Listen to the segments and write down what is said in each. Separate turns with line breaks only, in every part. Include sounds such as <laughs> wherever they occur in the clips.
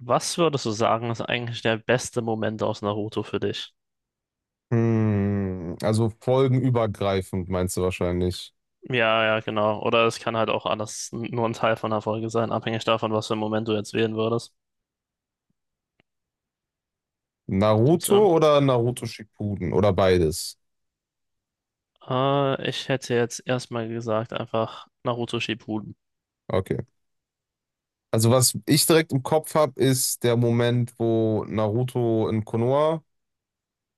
Was würdest du sagen, ist eigentlich der beste Moment aus Naruto für dich?
Also folgenübergreifend meinst du wahrscheinlich.
Ja, ja, genau. Oder es kann halt auch alles nur ein Teil von einer Folge sein, abhängig davon, was für einen Moment du jetzt wählen würdest. Gibt's
Naruto
irgend-
oder Naruto Shippuden oder beides?
Ich hätte jetzt erstmal gesagt, einfach Naruto Shippuden.
Okay. Also was ich direkt im Kopf habe, ist der Moment, wo Naruto in Konoha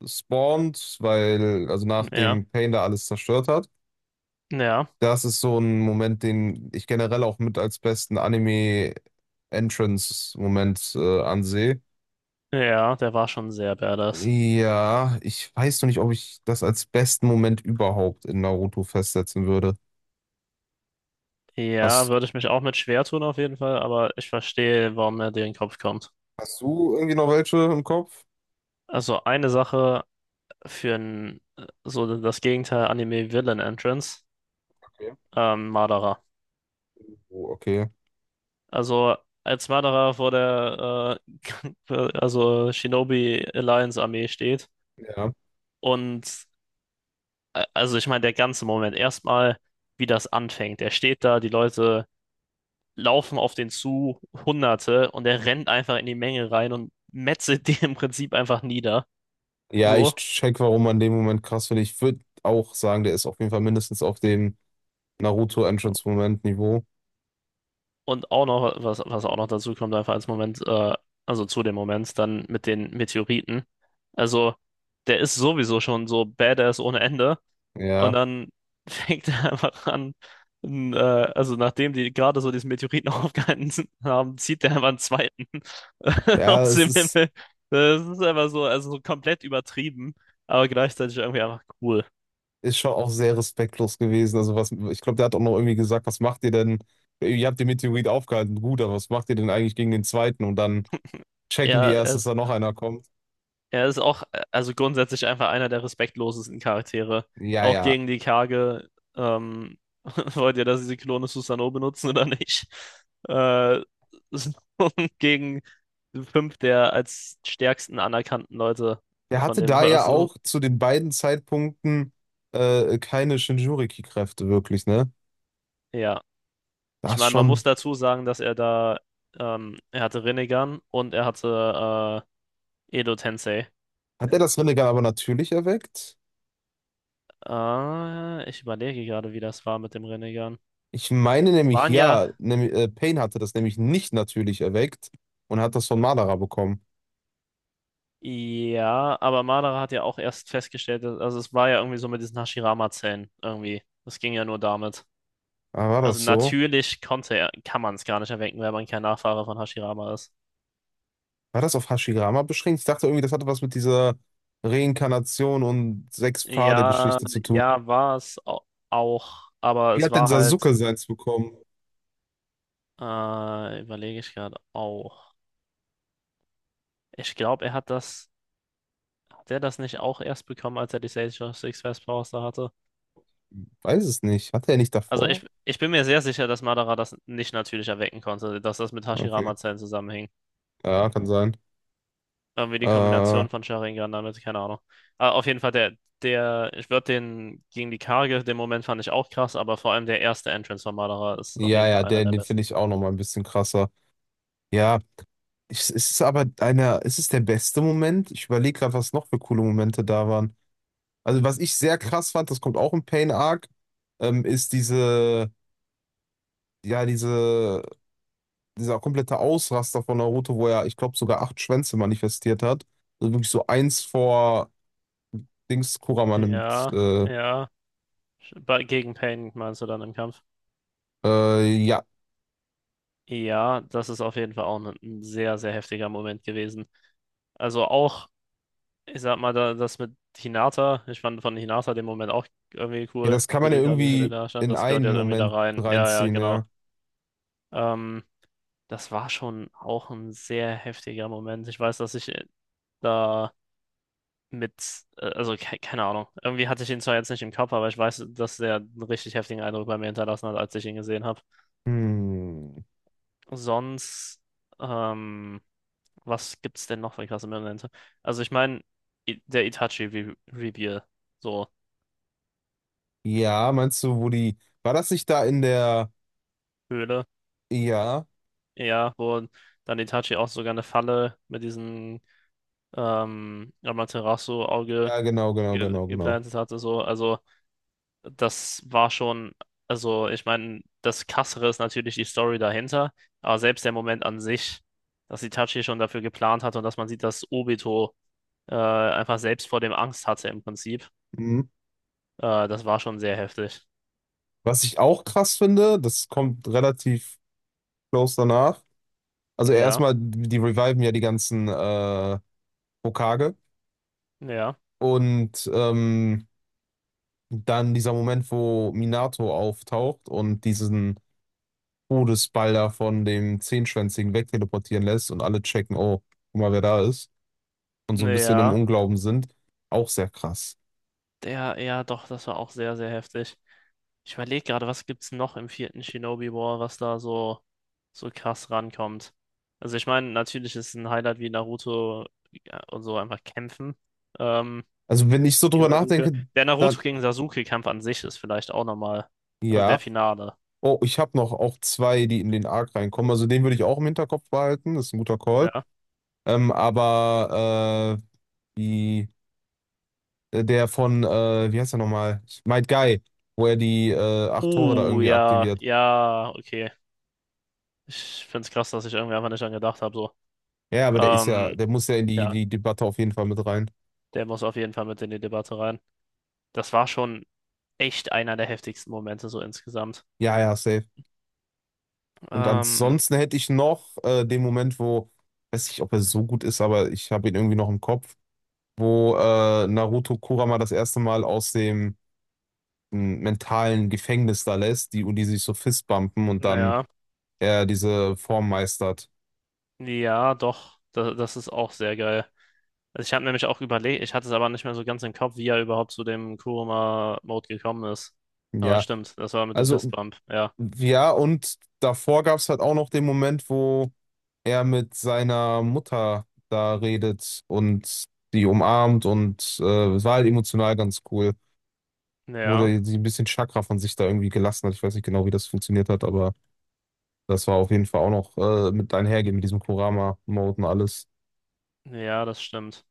spawnt, weil, also
Ja,
nachdem Pain da alles zerstört hat.
ja,
Das ist so ein Moment, den ich generell auch mit als besten Anime-Entrance-Moment ansehe.
ja, der war schon sehr badass.
Ja, ich weiß noch nicht, ob ich das als besten Moment überhaupt in Naruto festsetzen würde.
Ja,
Hast,
würde ich mich auch mit schwer tun auf jeden Fall, aber ich verstehe, warum mir dir in den Kopf kommt.
hast du irgendwie noch welche im Kopf?
Also eine Sache für ein, so das Gegenteil Anime Villain Entrance,
Okay.
Madara.
Oh, okay.
Also als Wanderer vor der <laughs> also Shinobi Alliance Armee steht
Ja.
und also ich meine der ganze Moment erstmal wie das anfängt. Er steht da, die Leute laufen auf den zu, Hunderte, und er rennt einfach in die Menge rein und metzelt <laughs> die im Prinzip einfach nieder.
Ja,
So.
ich check, warum man den Moment krass finde. Ich würde auch sagen, der ist auf jeden Fall mindestens auf dem Naruto-Entrance-Moment-Niveau.
Und auch noch was auch noch dazu kommt einfach als Moment, also zu dem Moment dann mit den Meteoriten. Also der ist sowieso schon so badass ohne Ende. Und
Ja.
dann <laughs> fängt er einfach an, n- äh, also nachdem die gerade so diesen Meteoriten <laughs> haben, zieht er einfach einen zweiten <laughs>
Ja,
aus
es
dem
ist,
Himmel. Das ist einfach so, also so komplett übertrieben, aber gleichzeitig irgendwie einfach cool.
ist schon auch sehr respektlos gewesen. Also was, ich glaube, der hat auch noch irgendwie gesagt, was macht ihr denn? Ihr habt den Meteorit aufgehalten, gut, aber was macht ihr denn eigentlich gegen den zweiten? Und dann checken die
Ja,
erst, dass da noch einer kommt.
er ist auch, also grundsätzlich einfach einer der respektlosesten Charaktere.
Ja,
Auch
ja,
gegen die Kage. Ähm, <laughs> wollt ihr, dass sie Klone Susanoo benutzen oder nicht? Äh, <laughs> so gegen fünf der als stärksten anerkannten Leute
der
von
hatte
dem
da ja
Verse.
auch zu den beiden Zeitpunkten keine Shinjuriki-Kräfte wirklich, ne?
Ja, ich
Das
meine, man muss
schon.
dazu sagen, dass er da, er hatte Rinnegan und er hatte Edo Tensei.
Hat er das Rinnegan aber natürlich erweckt?
Ich überlege gerade, wie das war mit dem Rinnegan.
Ich meine
Es
nämlich
waren ja,
ja, Pain hatte das nämlich nicht natürlich erweckt und hat das von Madara bekommen.
Ja, aber Madara hat ja auch erst festgestellt, also es war ja irgendwie so mit diesen Hashirama-Zellen irgendwie. Das ging ja nur damit.
Aber war
Also
das so?
natürlich konnte er, kann man es gar nicht erwecken, weil man kein Nachfahre von Hashirama ist.
War das auf Hashirama beschränkt? Ich dachte irgendwie, das hatte was mit dieser Reinkarnation und
Ja,
Sechs-Pfade-Geschichte zu tun.
ja, auch, aber
Wie
es
hat denn
war halt,
Sasuke seins bekommen?
überlege ich gerade auch. Ich glaube, er hat das, hat er das nicht auch erst bekommen, als er die Sage Six Fast Powers da hatte?
Weiß es nicht. Hatte er nicht
Also
davor?
ich bin mir sehr sicher, dass Madara das nicht natürlich erwecken konnte, dass das mit
Okay.
Hashirama-Zellen zusammenhing.
Ja, kann sein.
Irgendwie die
Äh,
Kombination von Sharingan damit, keine Ahnung. Aber auf jeden Fall, der, ich würde den gegen die Karge, den Moment fand ich auch krass, aber vor allem der erste Entrance von Madara ist auf
Ja,
jeden Fall
ja,
einer
den,
der
den finde
besten.
ich auch noch mal ein bisschen krasser. Ja, es ist aber einer, es ist der beste Moment. Ich überlege gerade, was noch für coole Momente da waren. Also, was ich sehr krass fand, das kommt auch im Pain Arc, ist ja, dieser komplette Ausraster von Naruto, wo er, ich glaube, sogar acht Schwänze manifestiert hat. Also wirklich so eins vor Dings Kurama nimmt.
Ja, ja. Gegen Pain meinst du dann im Kampf?
Ja.
Ja, das ist auf jeden Fall auch ein sehr, sehr heftiger Moment gewesen. Also auch, ich sag mal, da, das mit Hinata, ich fand von Hinata den Moment auch irgendwie
Ja,
cool,
das kann
wie
man ja
die gerade Hülle
irgendwie
da stand,
in
das gehört
einen
ja irgendwie da
Moment
rein. Ja, ja,
reinziehen,
genau.
ja.
Ähm, das war schon auch ein sehr heftiger Moment. Ich weiß, dass ich da mit, also ke keine Ahnung, irgendwie hatte ich ihn zwar jetzt nicht im Kopf, aber ich weiß, dass der einen richtig heftigen Eindruck bei mir hinterlassen hat, als ich ihn gesehen habe.
Hm.
Sonst, ähm, was gibt's denn noch für krasse Momente? Also ich meine, der Itachi Re Reveal, so
Ja, meinst du, war das nicht da in der,
Höhle,
ja,
ja, wo dann Itachi auch sogar eine Falle mit diesem Amaterasu-Auge
ja, genau, genau,
ge
genau, genau.
geplantet hatte, so, also das war schon, also ich meine, das Krassere ist natürlich die Story dahinter, aber selbst der Moment an sich, dass Itachi schon dafür geplant hat und dass man sieht, dass Obito einfach selbst vor dem Angst hatte im Prinzip,
Mhm.
das war schon sehr heftig.
Was ich auch krass finde, das kommt relativ close danach. Also
Ja,
erstmal, die reviven ja die ganzen Hokage
ja,
und dann dieser Moment, wo Minato auftaucht und diesen Todesball da von dem Zehnschwänzigen wegteleportieren lässt und alle checken, oh, guck mal, wer da ist und so ein bisschen im
ja,
Unglauben sind, auch sehr krass.
der, ja, doch, das war auch sehr, sehr heftig. Ich überlege gerade, was gibt's noch im vierten Shinobi War, was da so, so krass rankommt. Also ich meine, natürlich ist ein Highlight wie Naruto ja, und so einfach kämpfen. Ähm,
Also wenn ich so
gegen
drüber
Sasuke.
nachdenke,
Der
da
Naruto gegen Sasuke-Kampf an sich ist vielleicht auch nochmal, also der
Ja.
Finale.
Oh, ich habe noch auch zwei, die in den Arc reinkommen. Also den würde ich auch im Hinterkopf behalten. Das ist ein guter Call.
Ja.
Aber äh, die, der von, wie heißt er nochmal? Might Guy, wo er die acht Tore da irgendwie
Ja,
aktiviert.
ja, okay. Ich find's krass, dass ich irgendwie einfach nicht dran gedacht habe, so.
Ja, aber
Ähm,
der muss ja in die,
ja,
die Debatte auf jeden Fall mit rein.
der muss auf jeden Fall mit in die Debatte rein. Das war schon echt einer der heftigsten Momente so insgesamt.
Ja, ja, safe. Und
Ähm,
ansonsten hätte ich noch den Moment, wo, weiß nicht, ob er so gut ist, aber ich habe ihn irgendwie noch im Kopf, wo Naruto Kurama das erste Mal aus dem mentalen Gefängnis da lässt, und die sich so fistbumpen und dann
ja,
er diese Form meistert.
ja, doch, das ist auch sehr geil. Also ich habe nämlich auch überlegt, ich hatte es aber nicht mehr so ganz im Kopf, wie er überhaupt zu dem Kurama-Mode gekommen ist. Aber
Ja,
stimmt, das war mit dem
also,
Fistbump, ja.
ja, und davor gab es halt auch noch den Moment, wo er mit seiner Mutter da redet und die umarmt und es war halt emotional ganz cool.
Ja,
Wurde sie ein bisschen Chakra von sich da irgendwie gelassen hat. Ich weiß nicht genau, wie das funktioniert hat, aber das war auf jeden Fall auch noch mit einhergehen mit diesem Kurama-Mode und alles.
ja, das stimmt.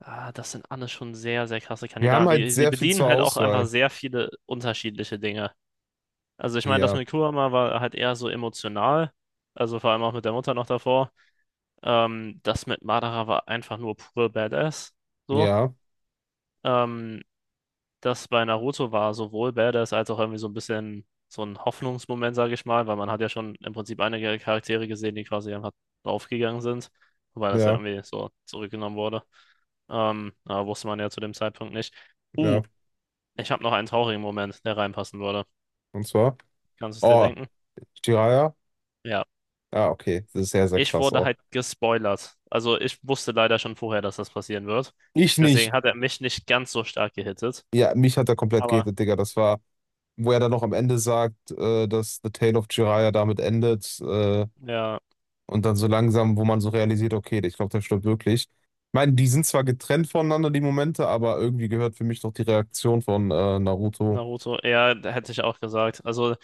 Ah, das sind alles schon sehr, sehr krasse
Wir haben
Kandidaten.
halt
Die
sehr viel
bedienen
zur
halt auch einfach
Auswahl.
sehr viele unterschiedliche Dinge. Also ich meine, das
Ja,
mit Kurama war halt eher so emotional. Also vor allem auch mit der Mutter noch davor. Das mit Madara war einfach nur pure Badass. So.
ja,
Ähm, das bei Naruto war sowohl badass als auch irgendwie so ein bisschen so ein Hoffnungsmoment, sage ich mal, weil man hat ja schon im Prinzip einige Charaktere gesehen, die quasi einfach draufgegangen sind, wobei das ja
ja.
irgendwie so zurückgenommen wurde. Aber wusste man ja zu dem Zeitpunkt nicht. Uh,
Ja,
ich habe noch einen traurigen Moment, der reinpassen würde.
und zwar.
Kannst du es dir
Oh,
denken?
Jiraiya?
Ja.
Ja, okay. Das ist sehr, sehr
Ich
krass
wurde
auch.
halt gespoilert. Also ich wusste leider schon vorher, dass das passieren wird.
Ich
Deswegen
nicht.
hat er mich nicht ganz so stark gehittet.
Ja, mich hat er komplett
Aber
gehittet, Digga. Das war, wo er dann noch am Ende sagt, dass The Tale of Jiraiya damit endet. Äh,
ja.
und dann so langsam, wo man so realisiert, okay, ich glaube, der stirbt wirklich. Ich meine, die sind zwar getrennt voneinander, die Momente, aber irgendwie gehört für mich noch die Reaktion von Naruto.
Naruto, ja, hätte ich auch gesagt. Also,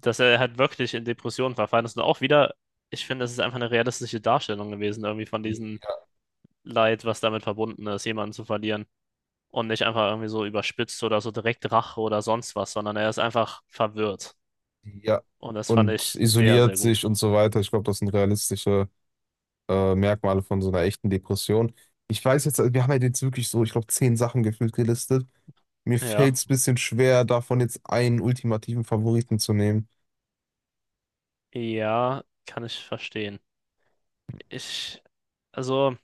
dass er halt wirklich in Depressionen verfallen ist. Und auch wieder, ich finde, das ist einfach eine realistische Darstellung gewesen, irgendwie von diesem Leid, was damit verbunden ist, jemanden zu verlieren. Und nicht einfach irgendwie so überspitzt oder so direkt Rache oder sonst was, sondern er ist einfach verwirrt.
Ja.
Und das fand
Und
ich sehr,
isoliert
sehr
sich
gut.
und so weiter. Ich glaube, das sind realistische Merkmale von so einer echten Depression. Ich weiß jetzt, wir haben ja jetzt wirklich so, ich glaube, 10 Sachen gefühlt gelistet. Mir
Ja,
fällt es ein bisschen schwer, davon jetzt einen ultimativen Favoriten zu nehmen.
ja, kann ich verstehen. Ich, also,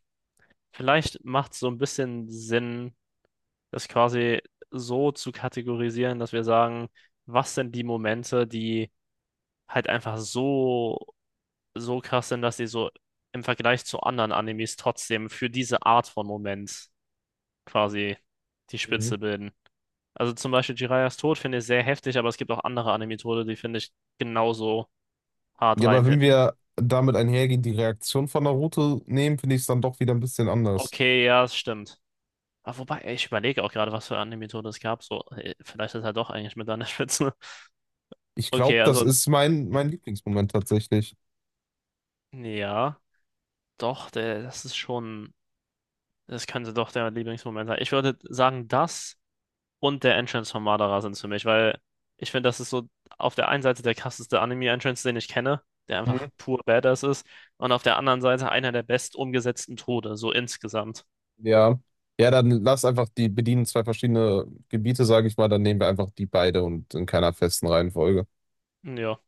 vielleicht macht es so ein bisschen Sinn das quasi so zu kategorisieren, dass wir sagen, was sind die Momente, die halt einfach so, so krass sind, dass die so im Vergleich zu anderen Animes trotzdem für diese Art von Moment quasi die
Mhm.
Spitze bilden. Also zum Beispiel Jiraiya's Tod finde ich sehr heftig, aber es gibt auch andere Anime-Tode, die finde ich genauso hart
Ja, aber wenn
reinhitten.
wir damit einhergehen, die Reaktion von Naruto nehmen, finde ich es dann doch wieder ein bisschen anders.
Okay, ja, es stimmt. Aber wobei, ey, ich überlege auch gerade, was für Anime-Tode es gab. So, ey, vielleicht ist er doch eigentlich mit an der Spitze. <laughs>
Ich glaube,
Okay,
das
also,
ist mein Lieblingsmoment tatsächlich.
ja. Doch, der, das ist schon, das könnte doch der Lieblingsmoment sein. Ich würde sagen, das und der Entrance von Madara sind es für mich, weil ich finde, das ist so auf der einen Seite der krasseste Anime-Entrance, den ich kenne, der einfach
Mhm.
pur Badass ist, und auf der anderen Seite einer der best umgesetzten Tode, so insgesamt.
Ja. Ja, dann lass einfach die bedienen zwei verschiedene Gebiete, sage ich mal, dann nehmen wir einfach die beide und in keiner festen Reihenfolge.
Ja.